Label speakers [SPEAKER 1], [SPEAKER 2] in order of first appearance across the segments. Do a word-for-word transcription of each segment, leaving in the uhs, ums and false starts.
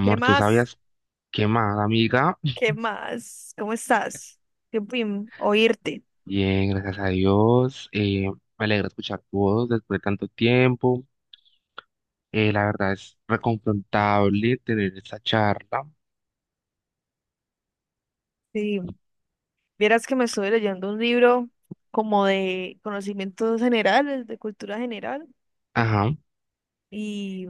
[SPEAKER 1] ¿Qué
[SPEAKER 2] ¿tú
[SPEAKER 1] más?
[SPEAKER 2] sabías qué más, amiga?
[SPEAKER 1] ¿Qué más? ¿Cómo estás? Qué pim, oírte.
[SPEAKER 2] Bien, gracias a Dios. Eh, me alegra escuchar tu voz después de tanto tiempo. Eh, la verdad es reconfortable tener esta charla.
[SPEAKER 1] Sí, vieras que me estoy leyendo un libro como de conocimientos generales, de cultura general,
[SPEAKER 2] Ajá.
[SPEAKER 1] y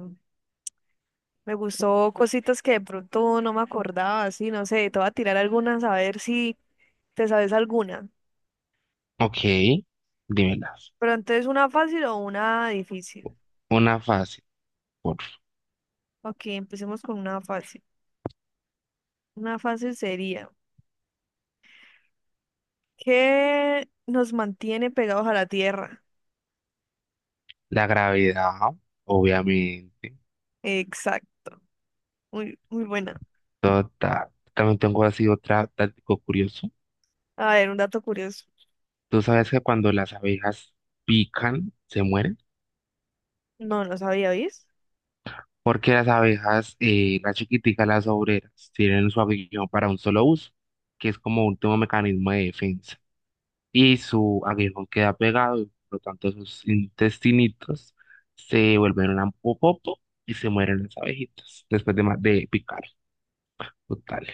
[SPEAKER 1] me gustó cositas que de pronto no me acordaba, así, no sé, te voy a tirar algunas a ver si te sabes alguna.
[SPEAKER 2] Ok, dímelas.
[SPEAKER 1] Pero entonces, ¿una fácil o una difícil?
[SPEAKER 2] Una fácil, por
[SPEAKER 1] Ok, empecemos con una fácil. Una fácil sería, ¿qué nos mantiene pegados a la tierra?
[SPEAKER 2] la gravedad, obviamente.
[SPEAKER 1] Exacto. Muy, muy buena.
[SPEAKER 2] Total. También tengo así otra táctico curioso.
[SPEAKER 1] A ver, un dato curioso.
[SPEAKER 2] ¿Tú sabes que cuando las abejas pican, se mueren?
[SPEAKER 1] No, no sabía, ¿viste?
[SPEAKER 2] Porque las abejas, eh, las chiquiticas, las obreras, tienen su aguijón para un solo uso, que es como último mecanismo de defensa. Y su aguijón queda pegado, y por lo tanto sus intestinitos se vuelven un popopo y se mueren las abejitas después de, ma- de picar. Total.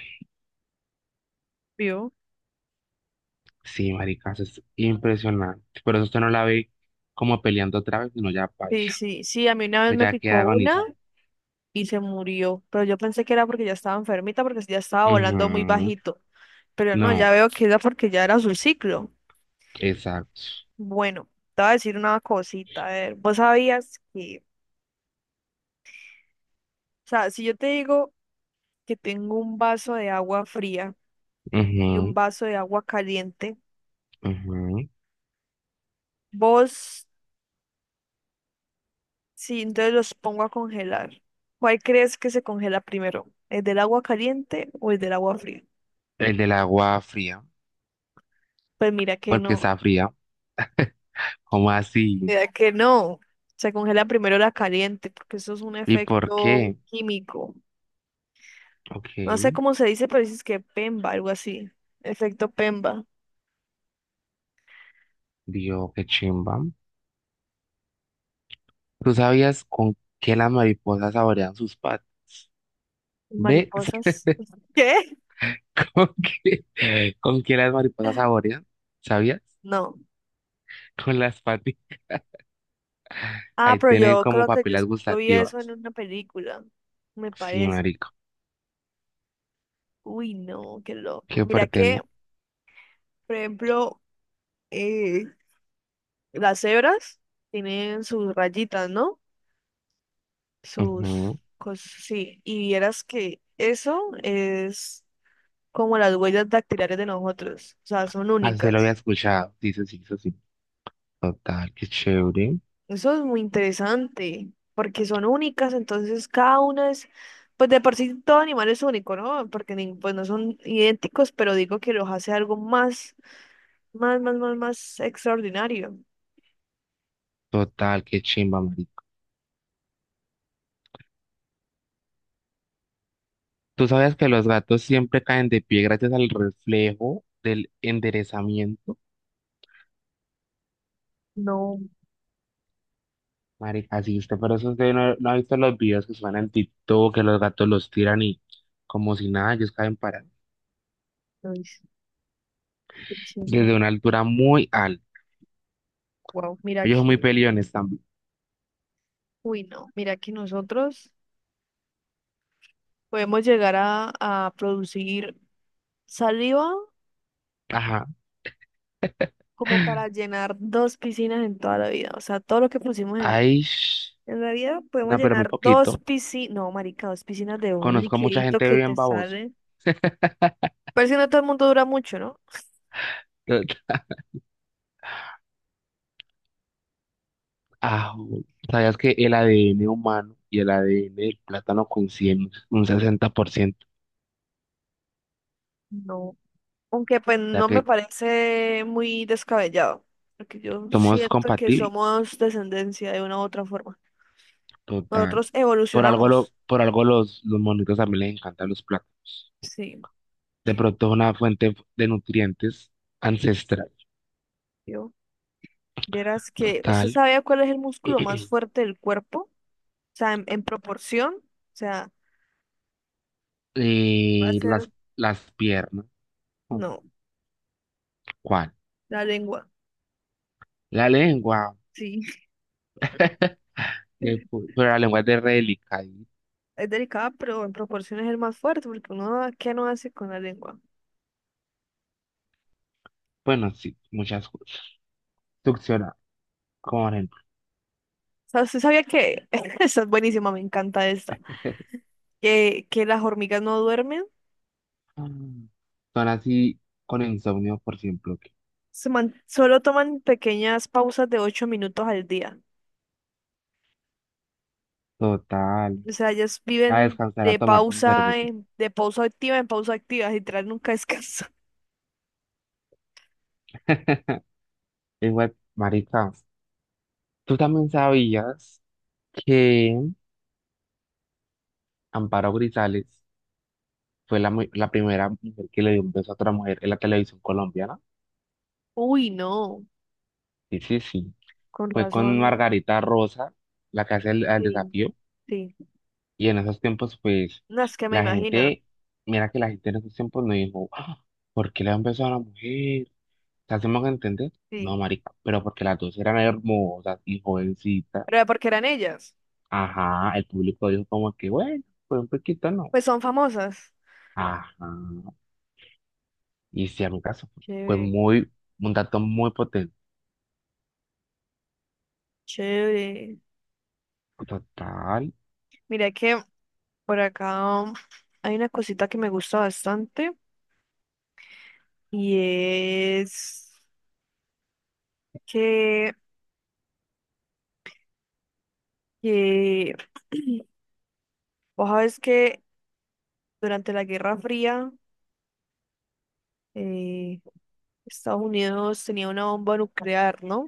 [SPEAKER 1] ¿Vio?
[SPEAKER 2] Sí, marica, eso es impresionante. Por eso usted no la ve como peleando otra vez, sino ya
[SPEAKER 1] Sí,
[SPEAKER 2] baila,
[SPEAKER 1] sí, sí, a mí una vez me
[SPEAKER 2] ya queda
[SPEAKER 1] picó una
[SPEAKER 2] agonizando.
[SPEAKER 1] y se murió, pero yo pensé que era porque ya estaba enfermita, porque ya estaba volando muy
[SPEAKER 2] Ujú.
[SPEAKER 1] bajito, pero no, ya
[SPEAKER 2] No,
[SPEAKER 1] veo que era porque ya era su ciclo.
[SPEAKER 2] exacto.
[SPEAKER 1] Bueno, te voy a decir una cosita, a ver, vos sabías que, o sea, si yo te digo que tengo un vaso de agua fría y un
[SPEAKER 2] Ujú,
[SPEAKER 1] vaso de agua caliente,
[SPEAKER 2] ujú.
[SPEAKER 1] vos sí, entonces los pongo a congelar. ¿Cuál crees que se congela primero? ¿El del agua caliente o el del agua fría?
[SPEAKER 2] El del agua fría,
[SPEAKER 1] Pues mira que
[SPEAKER 2] porque
[SPEAKER 1] no,
[SPEAKER 2] está fría. ¿Cómo así?
[SPEAKER 1] mira que no. Se congela primero la caliente porque eso es un
[SPEAKER 2] ¿Y por
[SPEAKER 1] efecto
[SPEAKER 2] qué?
[SPEAKER 1] químico.
[SPEAKER 2] Ok.
[SPEAKER 1] No sé cómo se dice, pero dices que PEMBA, algo así. Efecto PEMBA.
[SPEAKER 2] Dios, qué chimba. ¿Tú sabías con qué las mariposas saborean sus patas? ¿Ves?
[SPEAKER 1] Mariposas. ¿Qué?
[SPEAKER 2] ¿Con qué, con qué las mariposas saborean? ¿Sabías?
[SPEAKER 1] No.
[SPEAKER 2] Con las patas.
[SPEAKER 1] Ah,
[SPEAKER 2] Ahí
[SPEAKER 1] pero
[SPEAKER 2] tienen
[SPEAKER 1] yo
[SPEAKER 2] como
[SPEAKER 1] creo que yo,
[SPEAKER 2] papilas
[SPEAKER 1] yo vi eso en
[SPEAKER 2] gustativas.
[SPEAKER 1] una película, me
[SPEAKER 2] Sí,
[SPEAKER 1] parece.
[SPEAKER 2] marico.
[SPEAKER 1] Uy, no, qué loco.
[SPEAKER 2] Qué
[SPEAKER 1] Mira
[SPEAKER 2] fuerte,
[SPEAKER 1] que,
[SPEAKER 2] ¿no?
[SPEAKER 1] por ejemplo, eh, las cebras tienen sus rayitas, ¿no? Sus
[SPEAKER 2] Ujú.
[SPEAKER 1] cosas, sí. Y vieras que eso es como las huellas dactilares de nosotros. O sea, son
[SPEAKER 2] Así lo había
[SPEAKER 1] únicas.
[SPEAKER 2] escuchado. Dice sí, sí, sí. Sí. Total, qué chévere.
[SPEAKER 1] Eso es muy interesante, porque son únicas, entonces cada una es, pues de por sí todo animal es único, ¿no? Porque ni- pues no son idénticos, pero digo que los hace algo más, más, más, más, más extraordinario.
[SPEAKER 2] Total, qué chimba, marico. Tú sabías que los gatos siempre caen de pie gracias al reflejo del enderezamiento.
[SPEAKER 1] No,
[SPEAKER 2] Marica, sí, usted, pero eso usted no, no ha visto los videos que suenan en TikTok, que los gatos los tiran y como si nada, ellos caen parados.
[SPEAKER 1] no es qué chimba.
[SPEAKER 2] Desde una altura muy alta.
[SPEAKER 1] Wow, mira
[SPEAKER 2] Ellos son muy
[SPEAKER 1] que
[SPEAKER 2] peliones también.
[SPEAKER 1] uy, no, mira que nosotros podemos llegar a, a producir saliva
[SPEAKER 2] Ajá.
[SPEAKER 1] como para llenar dos piscinas en toda la vida. O sea, todo lo que pusimos en,
[SPEAKER 2] Ay, sh-
[SPEAKER 1] en la vida podemos
[SPEAKER 2] no, pero muy
[SPEAKER 1] llenar dos
[SPEAKER 2] poquito.
[SPEAKER 1] piscinas, no, marica, dos piscinas de un
[SPEAKER 2] Conozco a mucha
[SPEAKER 1] liquidito
[SPEAKER 2] gente
[SPEAKER 1] que
[SPEAKER 2] bien
[SPEAKER 1] te
[SPEAKER 2] babosa.
[SPEAKER 1] sale. Pero si no todo el mundo dura mucho, ¿no?
[SPEAKER 2] Ah, ¿sabías que el A D N humano y el A D N del plátano coinciden un sesenta por ciento?
[SPEAKER 1] No, aunque pues
[SPEAKER 2] O sea
[SPEAKER 1] no me
[SPEAKER 2] que
[SPEAKER 1] parece muy descabellado, porque yo
[SPEAKER 2] somos
[SPEAKER 1] siento que
[SPEAKER 2] compatibles.
[SPEAKER 1] somos descendencia de una u otra forma.
[SPEAKER 2] Total.
[SPEAKER 1] Nosotros
[SPEAKER 2] Por algo, lo,
[SPEAKER 1] evolucionamos,
[SPEAKER 2] por algo los, los monitos también les encantan los plátanos.
[SPEAKER 1] sí.
[SPEAKER 2] De pronto es una fuente de nutrientes ancestral.
[SPEAKER 1] Yo vieras que, ¿usted
[SPEAKER 2] Total.
[SPEAKER 1] sabía cuál es el músculo más fuerte del cuerpo? O sea, en, en proporción, o sea, va a
[SPEAKER 2] Y
[SPEAKER 1] ser,
[SPEAKER 2] las, las piernas.
[SPEAKER 1] no,
[SPEAKER 2] ¿Cuál?
[SPEAKER 1] la lengua,
[SPEAKER 2] La lengua.
[SPEAKER 1] sí.
[SPEAKER 2] que pu- pero la lengua es de re delicadita.
[SPEAKER 1] Es delicada, pero en proporción es el más fuerte, porque uno, ¿qué no hace con la lengua? O
[SPEAKER 2] Bueno, sí, muchas cosas. Succionar, como por ejemplo.
[SPEAKER 1] sea, ¿usted sabía que, esta es buenísima, me encanta esta, que, que las hormigas no duermen,
[SPEAKER 2] Mm. Son así con insomnio, por ejemplo. que-
[SPEAKER 1] se man- solo toman pequeñas pausas de ocho minutos al día.
[SPEAKER 2] Total.
[SPEAKER 1] O sea, ellas
[SPEAKER 2] A
[SPEAKER 1] viven
[SPEAKER 2] descansar, a
[SPEAKER 1] de
[SPEAKER 2] tomarse su
[SPEAKER 1] pausa,
[SPEAKER 2] cervecita.
[SPEAKER 1] en- de pausa activa en pausa activa, literal, nunca descansan.
[SPEAKER 2] Lengua, marica. ¿Tú también sabías que Amparo Grisales fue la, mu- la primera mujer que le dio un beso a otra mujer en la televisión colombiana?
[SPEAKER 1] Uy, no.
[SPEAKER 2] Sí, sí, sí.
[SPEAKER 1] Con
[SPEAKER 2] Fue
[SPEAKER 1] razón,
[SPEAKER 2] con Margarita Rosa, la que hace el, el
[SPEAKER 1] sí,
[SPEAKER 2] desafío.
[SPEAKER 1] sí.
[SPEAKER 2] Y en esos tiempos, pues,
[SPEAKER 1] No, es que me
[SPEAKER 2] la
[SPEAKER 1] imagino,
[SPEAKER 2] gente, mira que la gente en esos tiempos no dijo, "Ah, ¿por qué le da un beso a la mujer? ¿Te hacemos entender? No,
[SPEAKER 1] sí.
[SPEAKER 2] marica, pero porque las dos eran hermosas y jovencitas".
[SPEAKER 1] ¿Pero porque eran ellas?
[SPEAKER 2] Ajá, el público dijo como que, bueno, pues un poquito no.
[SPEAKER 1] Pues son famosas.
[SPEAKER 2] Ajá. Y si a mi caso fue
[SPEAKER 1] Chévere,
[SPEAKER 2] muy, un dato muy potente,
[SPEAKER 1] chévere.
[SPEAKER 2] total,
[SPEAKER 1] Mira que por acá um, hay una cosita que me gusta bastante y es que, que vos sabes que durante la Guerra Fría eh, Estados Unidos tenía una bomba nuclear, ¿no?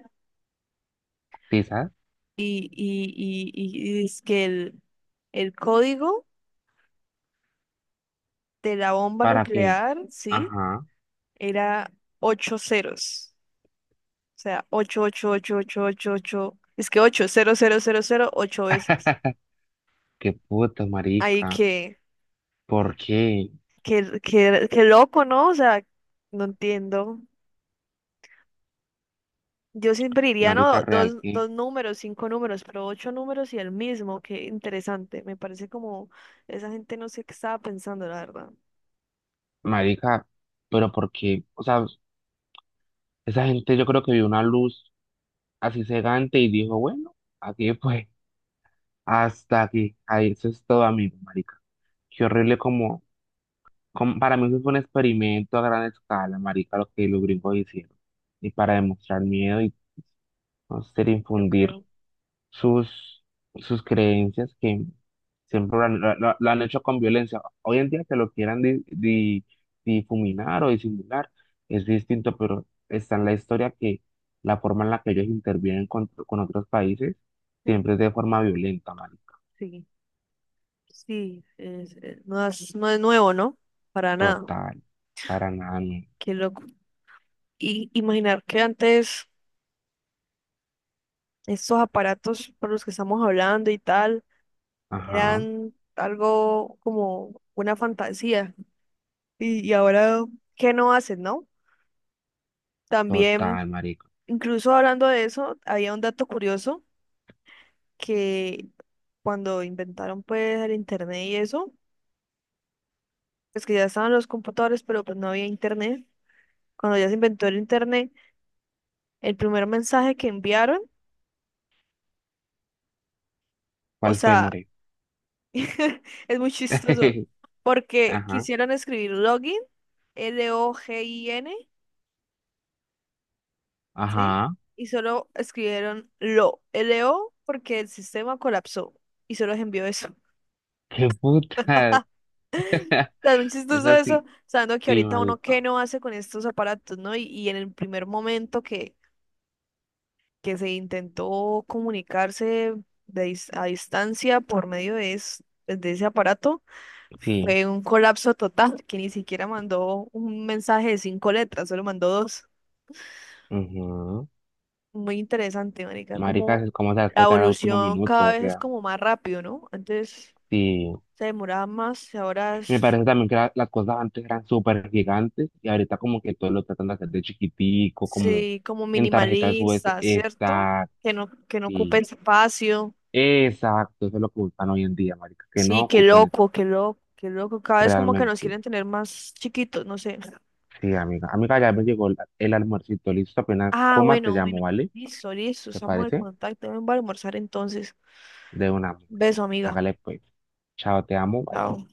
[SPEAKER 2] quizás,
[SPEAKER 1] Y, y, y, y, y es que el, el código de la bomba
[SPEAKER 2] para que,
[SPEAKER 1] nuclear, sí,
[SPEAKER 2] ajá,
[SPEAKER 1] era ocho ceros. O sea, ocho, ocho, ocho, ocho, ocho, ocho. Es que ocho, cero, cero, cero, cero, ocho veces.
[SPEAKER 2] qué puta,
[SPEAKER 1] Ahí
[SPEAKER 2] marica,
[SPEAKER 1] que,
[SPEAKER 2] ¿por qué?
[SPEAKER 1] que, que, que loco, ¿no? O sea, no entiendo. Yo siempre diría,
[SPEAKER 2] Marica
[SPEAKER 1] no,
[SPEAKER 2] real,
[SPEAKER 1] dos,
[SPEAKER 2] ¿qué?
[SPEAKER 1] dos números, cinco números, pero ocho números y el mismo. Qué interesante. Me parece como esa gente no sé qué estaba pensando, la verdad.
[SPEAKER 2] Marica, pero ¿por qué? O sea, esa gente yo creo que vio una luz así cegante y dijo, bueno, aquí fue, hasta aquí, ahí, eso es todo, amigo, marica. Qué horrible como, como, para mí eso fue un experimento a gran escala, marica, lo que los gringos hicieron. Y para demostrar miedo y no sé,
[SPEAKER 1] Yo
[SPEAKER 2] infundir
[SPEAKER 1] creo.
[SPEAKER 2] sus, sus creencias que siempre la la lo- han hecho con violencia. Hoy en día que lo quieran di- di- difuminar o disimular es distinto, pero está en la historia que la forma en la que ellos intervienen con, con otros países
[SPEAKER 1] Hmm,
[SPEAKER 2] siempre es de forma violenta, marico.
[SPEAKER 1] sí, sí, es- es- no es, no es nuevo, ¿no? Para nada.
[SPEAKER 2] Total, para nada, no.
[SPEAKER 1] Qué loco. Y imaginar que antes estos aparatos por los que estamos hablando y tal
[SPEAKER 2] Ajá,
[SPEAKER 1] eran algo como una fantasía. Y, y ahora, ¿qué no hacen, no? También,
[SPEAKER 2] total, marico.
[SPEAKER 1] incluso hablando de eso, había un dato curioso que cuando inventaron pues el internet y eso, pues que ya estaban los computadores, pero pues no había internet. Cuando ya se inventó el internet, el primer mensaje que enviaron, o
[SPEAKER 2] ¿Cuál fue,
[SPEAKER 1] sea,
[SPEAKER 2] More?
[SPEAKER 1] es muy chistoso. Porque
[SPEAKER 2] Ajá,
[SPEAKER 1] quisieron escribir login, L O G I N, ¿sí?
[SPEAKER 2] ajá,
[SPEAKER 1] Y solo escribieron lo, L O, porque el sistema colapsó. Y solo les envió eso.
[SPEAKER 2] qué putas.
[SPEAKER 1] O sea, es muy chistoso
[SPEAKER 2] Eso
[SPEAKER 1] eso,
[SPEAKER 2] sí,
[SPEAKER 1] sabiendo que
[SPEAKER 2] sí,
[SPEAKER 1] ahorita uno qué
[SPEAKER 2] marico,
[SPEAKER 1] no hace con estos aparatos, ¿no? Y, y en el primer momento que, que se intentó comunicarse de dis- a distancia por medio de, es- de ese aparato,
[SPEAKER 2] sí.
[SPEAKER 1] fue un colapso total, que ni siquiera mandó un mensaje de cinco letras, solo mandó dos. Muy interesante, marica,
[SPEAKER 2] Maricas,
[SPEAKER 1] como
[SPEAKER 2] es como se va a
[SPEAKER 1] la
[SPEAKER 2] explotar al último
[SPEAKER 1] evolución
[SPEAKER 2] minuto,
[SPEAKER 1] cada
[SPEAKER 2] o
[SPEAKER 1] vez es
[SPEAKER 2] sea,
[SPEAKER 1] como más rápido, ¿no? Antes
[SPEAKER 2] sí.
[SPEAKER 1] se demoraba más y ahora
[SPEAKER 2] Me
[SPEAKER 1] es,
[SPEAKER 2] parece también que la- las cosas antes eran súper gigantes y ahorita como que todo lo tratan de hacer de chiquitico, como
[SPEAKER 1] sí, como
[SPEAKER 2] en tarjetas U S.
[SPEAKER 1] minimalista, ¿cierto?
[SPEAKER 2] Exacto,
[SPEAKER 1] Que no, que no ocupe
[SPEAKER 2] sí.
[SPEAKER 1] espacio.
[SPEAKER 2] Exacto, eso es lo que buscan hoy en día, marica, que no
[SPEAKER 1] Sí, qué
[SPEAKER 2] ocupen eso,
[SPEAKER 1] loco, qué loco, qué loco. Cada vez como que nos
[SPEAKER 2] realmente.
[SPEAKER 1] quieren tener más chiquitos, no sé.
[SPEAKER 2] Sí, amiga. Amiga, ya me llegó el, el almuercito, listo, apenas
[SPEAKER 1] Ah,
[SPEAKER 2] coma te
[SPEAKER 1] bueno,
[SPEAKER 2] llamo,
[SPEAKER 1] bueno.
[SPEAKER 2] ¿vale?
[SPEAKER 1] Listo, listo,
[SPEAKER 2] ¿Te
[SPEAKER 1] estamos en
[SPEAKER 2] parece?
[SPEAKER 1] contacto. Ven, voy a almorzar entonces.
[SPEAKER 2] De una, amiga.
[SPEAKER 1] Beso, amiga.
[SPEAKER 2] Hágale pues. Chao, te amo, bye.
[SPEAKER 1] Chao.